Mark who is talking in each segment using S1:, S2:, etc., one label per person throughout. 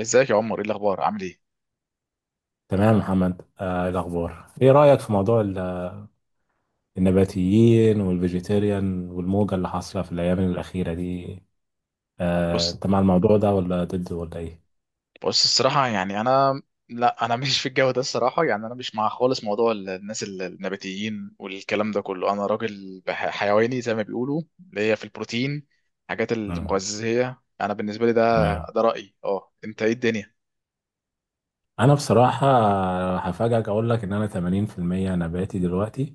S1: ازيك يا عمر؟ ايه الاخبار؟ عامل ايه؟
S2: تمام يا محمد، إيه الأخبار؟ إيه رأيك في موضوع النباتيين والفيجيتيريان والموجة اللي حاصلة في الأيام الأخيرة دي؟
S1: بص
S2: أنت مع الموضوع ده ولا ضده ولا إيه؟
S1: بص، الصراحه يعني انا، لا انا مش في الجو ده. الصراحه يعني انا مش مع خالص موضوع الناس، النباتيين والكلام ده كله. انا راجل حيواني زي ما بيقولوا، اللي هي في البروتين، حاجات
S2: مم.
S1: المغذيه، انا بالنسبه لي ده
S2: تمام.
S1: ده رايي. اه، انت ايه الدنيا؟
S2: أنا بصراحة، هفاجئك أقول لك إن أنا 80% نباتي دلوقتي،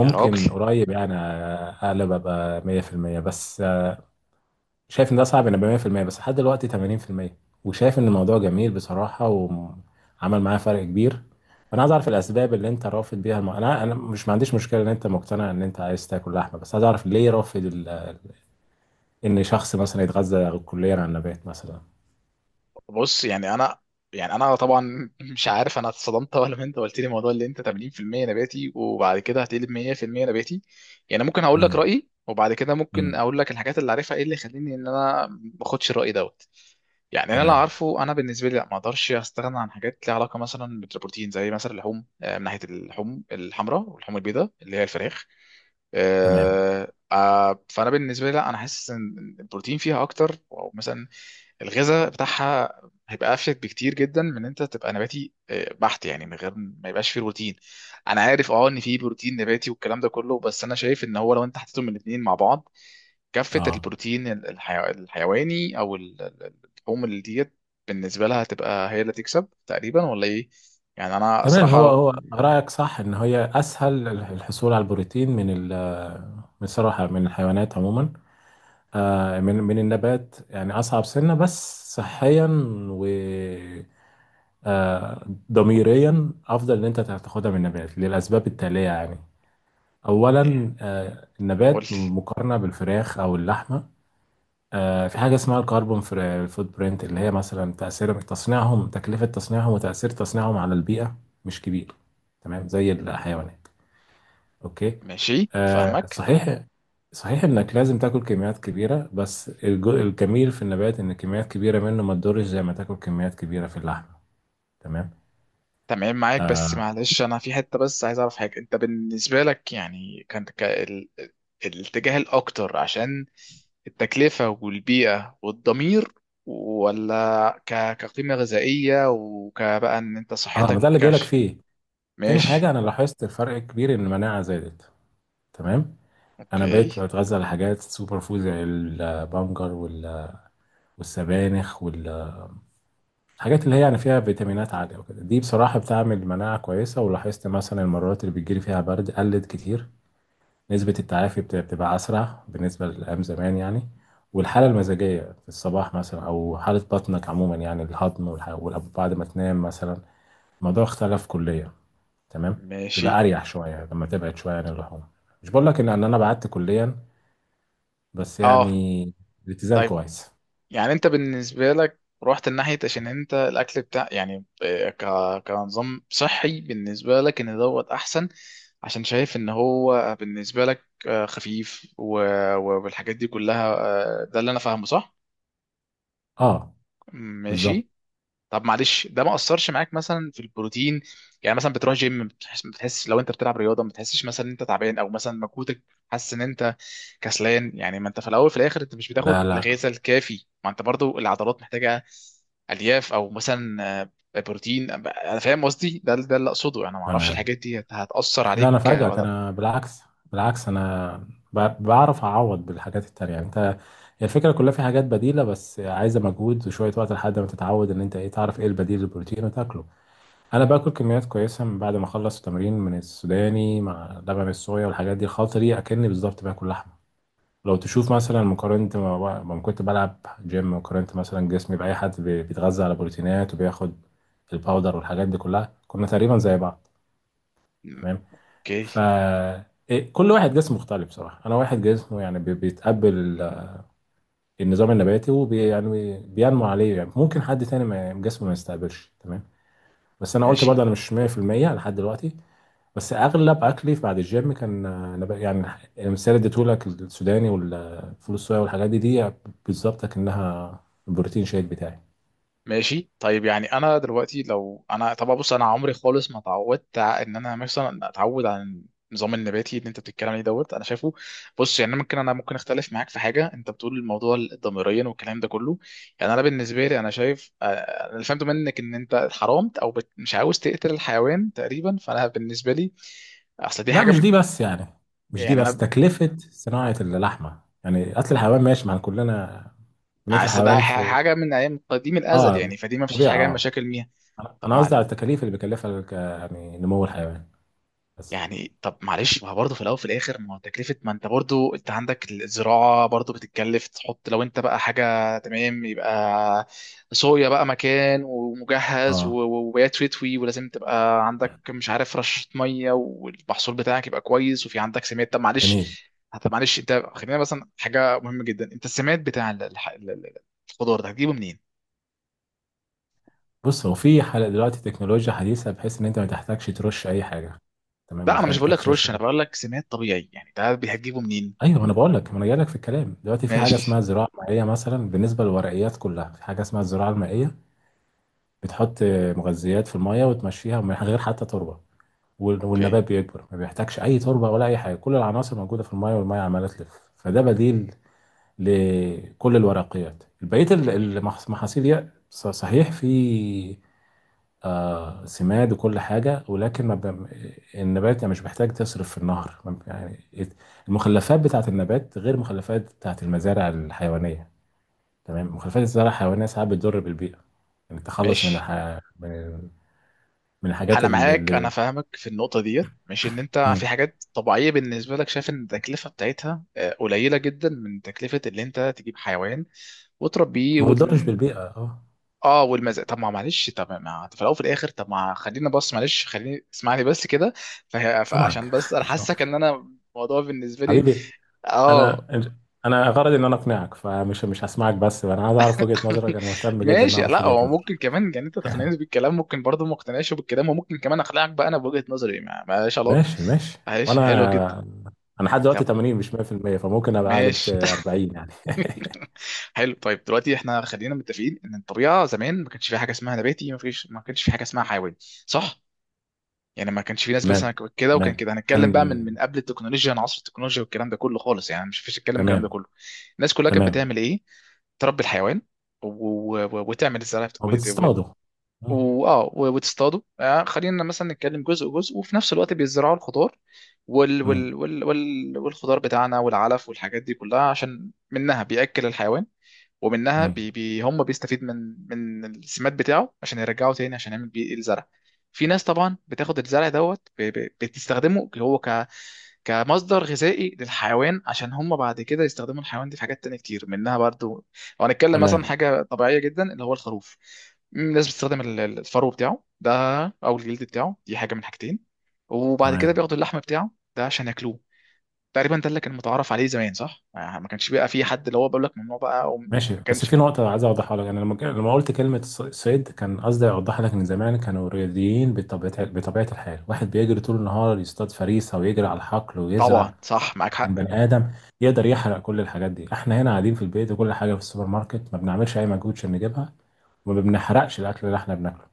S1: يا راجل،
S2: قريب يعني، أقلب أبقى 100%. بس شايف ان ده صعب، انا 100%، بس لحد دلوقتي 80%. وشايف ان الموضوع جميل بصراحة وعمل معايا فرق كبير. فانا عايز اعرف الاسباب اللي انت رافض بيها الم... انا مش ما عنديش مشكلة ان انت مقتنع ان انت عايز تاكل لحمة، بس عايز اعرف ليه رافض ال... ان شخص مثلا يتغذى كليا على النبات مثلا.
S1: بص يعني انا طبعا مش عارف، انا اتصدمت ولا ما انت قلت لي موضوع اللي انت 80% نباتي وبعد كده هتقلب 100% نباتي. يعني ممكن اقول لك
S2: امم.
S1: رايي، وبعد كده ممكن
S2: امم.
S1: اقول لك الحاجات اللي عارفها، ايه اللي يخليني ان انا ما اخدش الراي دوت. يعني انا اللي
S2: تمام.
S1: عارفه، انا بالنسبه لي لا، ما اقدرش استغنى عن حاجات ليها علاقه مثلا بالبروتين، زي مثلا اللحوم، من ناحيه اللحوم الحمراء واللحوم البيضاء اللي هي الفراخ.
S2: تمام.
S1: فانا بالنسبه لي لا، انا حاسس ان البروتين فيها اكتر، او مثلا الغذاء بتاعها هيبقى افيد بكتير جدا من إن انت تبقى نباتي بحت، يعني من غير ما يبقاش فيه بروتين. انا عارف ان فيه بروتين نباتي والكلام ده كله، بس انا شايف ان هو لو انت حطيتهم الاثنين مع بعض، كفة
S2: اه.
S1: البروتين الحيواني، او اللحوم اللي ديت، بالنسبة لها هتبقى هي اللي تكسب تقريبا، ولا ايه؟ يعني انا
S2: تمام. هو
S1: صراحة
S2: هو رأيك صح ان هي اسهل الحصول على البروتين من ال... بصراحة من الحيوانات عموما. من النبات يعني أصعب سنة، بس صحيا و آه، ضميريا أفضل إن أنت تاخدها من النبات للأسباب التالية يعني.
S1: آه،
S2: أولا النبات
S1: قلت.
S2: مقارنة بالفراخ أو اللحمة، في حاجة اسمها الكربون فوت برينت، اللي هي مثلا تأثير تصنيعهم، تكلفة تصنيعهم وتأثير تصنيعهم على البيئة مش كبير تمام زي الحيوانات. اوكي.
S1: ماشي، فاهمك.
S2: صحيح. صحيح انك لازم تاكل كميات كبيره، بس الجميل في النبات ان كميات كبيره منه ما تضرش زي ما تاكل كميات كبيره في اللحم. تمام.
S1: تمام معاك، بس معلش، انا في حته، بس عايز اعرف حاجه: انت بالنسبه لك يعني كان الاتجاه الاكتر عشان التكلفه والبيئه والضمير، ولا كقيمه غذائيه وكبقى ان انت
S2: اه، ما
S1: صحتك
S2: ده اللي جايلك
S1: كش؟
S2: فيه. تاني حاجه
S1: ماشي،
S2: انا لاحظت فرق كبير ان المناعه زادت. تمام. انا بقيت
S1: اوكي،
S2: بتغذى على حاجات سوبر فود زي البنجر والسبانخ، والحاجات اللي هي يعني فيها فيتامينات عاليه، وكده دي بصراحه بتعمل مناعه كويسه. ولاحظت مثلا المرات اللي بتجيلي فيها برد قلت كتير، نسبة التعافي بتبقى أسرع بالنسبة لأيام زمان يعني. والحالة المزاجية في الصباح مثلا، أو حالة بطنك عموما، يعني الهضم والأب بعد ما تنام مثلا، الموضوع اختلف كليا. تمام. يبقى
S1: ماشي،
S2: أريح شوية لما تبعد شوية عن اللحوم. مش بقول لك إن أنا بعدت كليا، بس
S1: اه،
S2: يعني الاتزان
S1: طيب.
S2: كويس.
S1: يعني انت بالنسبة لك رحت الناحية عشان انت الاكل بتاع، يعني كنظام صحي بالنسبة لك ان دوت احسن، عشان شايف ان هو بالنسبة لك خفيف والحاجات دي كلها. ده اللي انا فاهمه، صح؟
S2: أه. بالظبط.
S1: ماشي. طب معلش، ده ما اثرش معاك مثلا في البروتين؟ يعني مثلا بتروح جيم، بتحس لو انت بتلعب رياضه ما بتحسش مثلا ان انت تعبان، او مثلا مجهودك، حاسس ان انت كسلان؟ يعني ما انت في الاول في الاخر انت مش بتاخد
S2: لا، لا.
S1: الغذاء الكافي، ما انت برضو العضلات محتاجه الياف، او مثلا بروتين. انا فاهم قصدي، ده اللي اقصده، انا ما اعرفش
S2: تمام.
S1: الحاجات دي هتاثر
S2: لا انا
S1: عليك ولا
S2: فاجئك،
S1: لأ.
S2: انا بالعكس. بالعكس، انا بعرف اعوض بالحاجات التانية. يعني انت هي الفكره كلها في حاجات بديله، بس عايزه مجهود وشويه وقت لحد ما تتعود ان انت ايه تعرف ايه البديل للبروتين وتاكله. انا باكل كميات كويسه من بعد ما اخلص تمرين من السوداني مع لبن الصويا، والحاجات دي الخلطه دي اكني بالظبط باكل لحمه. لو تشوف مثلا مقارنه ما كنت بلعب جيم وقارنت مثلا جسمي باي حد بيتغذى على بروتينات وبياخد الباودر والحاجات دي كلها، كنا تقريبا زي بعض. تمام.
S1: اوكي،
S2: ف كل واحد جسمه مختلف بصراحة. أنا واحد جسمه يعني بيتقبل ال- النظام النباتي، يعني بينمو عليه. يعني ممكن حد تاني ما يعني جسمه ما يستقبلش تمام. بس أنا قلت
S1: ماشي
S2: برضه أنا مش 100% لحد دلوقتي. بس أغلب أكلي بعد الجيم كان نبات يعني. المثال اللي اديتهولك السوداني والفول الصويا والحاجات دي بالظبط كأنها البروتين شيك بتاعي.
S1: ماشي، طيب. يعني انا دلوقتي، لو انا طبعا، بص انا عمري خالص ما اتعودت ان انا مثلا اتعود على النظام النباتي اللي انت بتتكلم عليه دوت، انا شايفه. بص يعني ممكن انا، ممكن اختلف معاك في حاجه، انت بتقول الموضوع الضميريا والكلام ده كله، يعني انا بالنسبه لي انا شايف، انا اللي فهمته منك ان انت حرمت، او مش عاوز تقتل الحيوان تقريبا. فانا بالنسبه لي اصل دي
S2: لا،
S1: حاجه
S2: مش دي بس يعني، مش دي
S1: يعني
S2: بس
S1: انا
S2: تكلفة صناعة اللحمة. يعني قتل الحيوان ماشي، ما كلنا بنقتل
S1: اصل ده
S2: الحيوان.
S1: حاجه من ايام قديم الازل، يعني
S2: اه،
S1: فدي ما فيش
S2: طبيعة.
S1: حاجه
S2: اه،
S1: مشاكل ميها.
S2: انا
S1: طب
S2: أنا قصدي
S1: معلش،
S2: على التكاليف اللي بيكلفها يعني نمو الحيوان بس.
S1: يعني طب معلش، ما هو برضه في الاول وفي الاخر ما هو تكلفه، ما انت برضه انت عندك الزراعه برضه بتتكلف. تحط لو انت بقى حاجه، تمام، يبقى صويا بقى مكان ومجهز
S2: اه،
S1: وبيات تتوي، ولازم تبقى عندك مش عارف رشه ميه، والمحصول بتاعك يبقى كويس، وفي عندك سماد. طب معلش،
S2: جميل.
S1: طب معلش، انت خلينا مثلا حاجه مهمه جدا: انت السماد بتاع الخضار ده هتجيبه منين؟
S2: بص هو في حل دلوقتي، تكنولوجيا حديثة، بحيث ان انت ما تحتاجش ترش اي حاجة. تمام،
S1: لا
S2: ما
S1: انا مش بقول
S2: تحتاجش
S1: لك
S2: ترش
S1: رش، انا
S2: يعني.
S1: بقول لك سماد طبيعي يعني، ده هتجيبه منين؟
S2: ايوه، ما انا بقول لك، ما انا جاي لك في الكلام دلوقتي. في حاجة
S1: ماشي،
S2: اسمها زراعة مائية مثلا، بالنسبة للورقيات كلها في حاجة اسمها الزراعة المائية. بتحط مغذيات في المية وتمشيها من غير حتى تربة،
S1: اوكي
S2: والنبات بيكبر ما بيحتاجش اي تربة ولا اي حاجة، كل العناصر موجودة في المية والمية عمالة تلف. فده بديل لكل الورقيات. بقية المحاصيل دي صحيح في سماد وكل حاجة، ولكن ما النبات يعني مش محتاج تصرف في النهر، ما يعني المخلفات بتاعة النبات غير المخلفات بتاعة المزارع الحيوانية. تمام، مخلفات الزراعة الحيوانية ساعات بتضر بالبيئة، يعني التخلص من
S1: ماشي.
S2: الح... من من الحاجات
S1: انا
S2: اللي
S1: معاك، انا فاهمك في النقطه ديت، مش ان انت في
S2: مم.
S1: حاجات طبيعيه بالنسبه لك شايف ان التكلفه بتاعتها قليله جدا من تكلفه اللي انت تجيب حيوان وتربيه
S2: ما بتضرش بالبيئة، اه.
S1: اه، والمزق. طب ما معلش، طب ما في الاول وفي الاخر، طب ما خلينا، بص معلش، خليني اسمعني بس كده، فعشان
S2: سامعك
S1: بس انا حاسك
S2: سامعك.
S1: ان انا الموضوع بالنسبه لي،
S2: حبيبي، انا
S1: اه.
S2: انا غرضي ان انا اقنعك، فمش مش هسمعك. بس انا عايز اعرف وجهة نظرك، انا مهتم جدا ان
S1: ماشي،
S2: اعرف
S1: لا
S2: وجهة
S1: هو
S2: نظرك.
S1: ممكن كمان يعني انت تقنعني بالكلام، ممكن برضه ما اقتنعش بالكلام، وممكن كمان اقنعك بقى انا بوجهة نظري، ما- مالهاش علاقه.
S2: ماشي، ماشي.
S1: معلش، حلو جدا.
S2: وانا انا لحد دلوقتي
S1: طب،
S2: 80 مش 100%، فممكن ابقى قلبت
S1: ماشي.
S2: 40 يعني.
S1: حلو، طيب. دلوقتي احنا خلينا متفقين ان الطبيعه زمان ما كانش في حاجه اسمها نباتي، ما فيش، ما كانش في حاجه اسمها حيواني، صح؟ يعني ما كانش في ناس بس
S2: تمام.
S1: كده، وكان
S2: تمام
S1: كده. هنتكلم
S2: كان.
S1: بقى من قبل التكنولوجيا، عن عصر التكنولوجيا والكلام ده كله خالص، يعني مش فيش الكلام، الكلام ده
S2: تمام.
S1: كله الناس كلها كانت
S2: تمام
S1: بتعمل ايه؟ تربي الحيوان وتعمل الزرع،
S2: هو بتستخدم. مم.
S1: واه، وتصطادوا. آه، خلينا مثلا نتكلم جزء جزء، وفي نفس الوقت بيزرعوا الخضار
S2: مم.
S1: والخضار بتاعنا والعلف والحاجات دي كلها، عشان منها بيأكل الحيوان، ومنها
S2: مم.
S1: بي بي هم بيستفيد من السماد بتاعه عشان يرجعه تاني عشان يعمل بيه الزرع. في ناس طبعا بتاخد الزرع دوت، بتستخدمه هو كمصدر غذائي للحيوان، عشان هم بعد كده يستخدموا الحيوان دي في حاجات تانية كتير منها برضو. لو هنتكلم مثلا
S2: تمام.
S1: حاجة طبيعية جدا اللي هو الخروف، الناس بتستخدم الفرو بتاعه ده، أو الجلد بتاعه، دي حاجة من حاجتين. وبعد كده
S2: تمام.
S1: بياخدوا اللحم بتاعه ده عشان ياكلوه. تقريبا ده اللي كان متعارف عليه زمان، صح؟ ما كانش بقى في حد اللي هو بيقول لك ممنوع بقى وما
S2: ماشي، بس
S1: كانش.
S2: في نقطة عايز أوضحها لك. أنا لما لما قلت كلمة صيد كان قصدي أوضح لك إن زمان كانوا رياضيين بطبيعة الحال. واحد بيجري طول النهار يصطاد فريسة ويجري على الحقل ويزرع،
S1: طبعا صح، معاك
S2: كان
S1: حق.
S2: بني آدم يقدر يحرق كل الحاجات دي. إحنا هنا قاعدين في البيت، وكل حاجة في السوبر ماركت، ما بنعملش أي مجهود عشان نجيبها، وما بنحرقش الأكل اللي إحنا بناكله.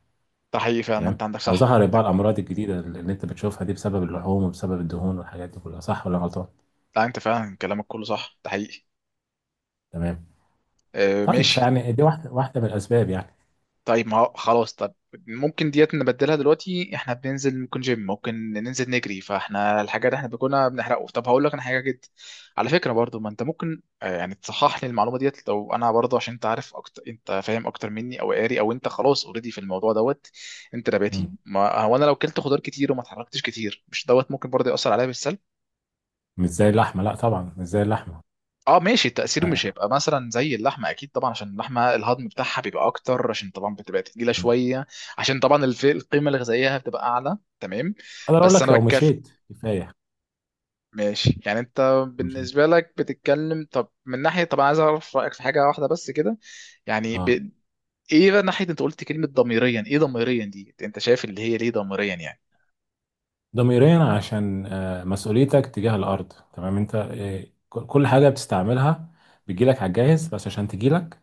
S1: ده حقيقي فعلا،
S2: تمام.
S1: انت عندك
S2: أو
S1: صح
S2: ظهرت بقى
S1: عندك.
S2: الأمراض الجديدة اللي أنت بتشوفها دي بسبب اللحوم وبسبب الدهون والحاجات دي كلها، صح ولا غلطان؟
S1: لا، انت فعلا كلامك كله صح، ده حقيقي.
S2: تمام.
S1: اه،
S2: طيب
S1: ماشي.
S2: فيعني دي واحدة من الأسباب.
S1: طيب ما هو خلاص. طب ممكن ديت نبدلها دلوقتي، احنا بننزل ممكن جيم، ممكن ننزل نجري، فاحنا الحاجه اللي احنا كنا بنحرقه. طب هقول لك انا حاجه جد، على فكره برضو، ما انت ممكن يعني تصحح لي المعلومه ديت، لو انا برضو، عشان انت عارف اكتر، انت فاهم اكتر مني، او قاري او انت خلاص اوريدي في الموضوع دوت، انت نباتي.
S2: يعني
S1: ما هو انا لو كلت خضار كتير وما اتحركتش كتير، مش دوت ممكن برضو ياثر عليا بالسلب؟
S2: مش زي اللحمه، لا طبعا مش زي اللحمه.
S1: اه، ماشي. التأثير مش
S2: آه.
S1: هيبقى مثلا زي اللحمة، أكيد طبعا، عشان اللحمة الهضم بتاعها بيبقى أكتر عشان طبعا بتبقى تقيلة
S2: م.
S1: شوية، عشان طبعا القيمة الغذائية بتبقى أعلى، تمام.
S2: اقدر اقول
S1: بس أنا
S2: لك لو
S1: بتكلم.
S2: مشيت كفايه.
S1: ماشي يعني، أنت
S2: مشيت.
S1: بالنسبة لك بتتكلم. طب من ناحية، طب أنا عايز أعرف رأيك في حاجة واحدة بس كده، يعني
S2: اه.
S1: إيه بقى ناحية، أنت قلت كلمة ضميريا، إيه ضميريا دي؟ أنت شايف اللي هي ليه ضميريا يعني؟
S2: ضميريا عشان مسؤوليتك تجاه الارض. تمام. انت كل حاجه بتستعملها بتجيلك على الجاهز، بس عشان تجيلك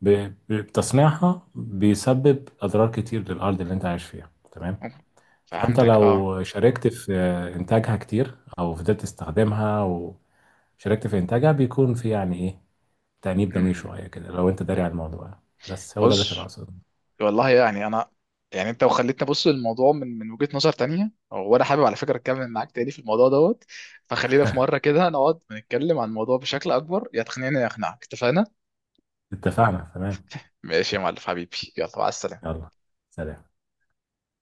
S2: ب- بتصنيعها بيسبب اضرار كتير للارض اللي انت عايش فيها. تمام. فانت
S1: فهمتك، أه.
S2: لو شاركت في انتاجها كتير او فضلت تستخدمها وشاركت في انتاجها، بيكون في يعني ايه، تأنيب ضمير
S1: أمم.
S2: شويه كده لو انت داري على الموضوع. بس هو ده اللي
S1: بص،
S2: كان اقصده.
S1: والله يعني انا، يعني انت وخليتني ابص للموضوع من وجهة نظر تانية، وانا حابب على فكرة اتكلم معاك تاني في الموضوع دوت. فخلينا في مرة كده نقعد نتكلم عن الموضوع بشكل اكبر، يا تقنعني يا اقنعك. اتفقنا؟
S2: اتفقنا. تمام.
S1: ماشي يا معلم، حبيبي، يلا، مع السلامة.
S2: يلا، سلام.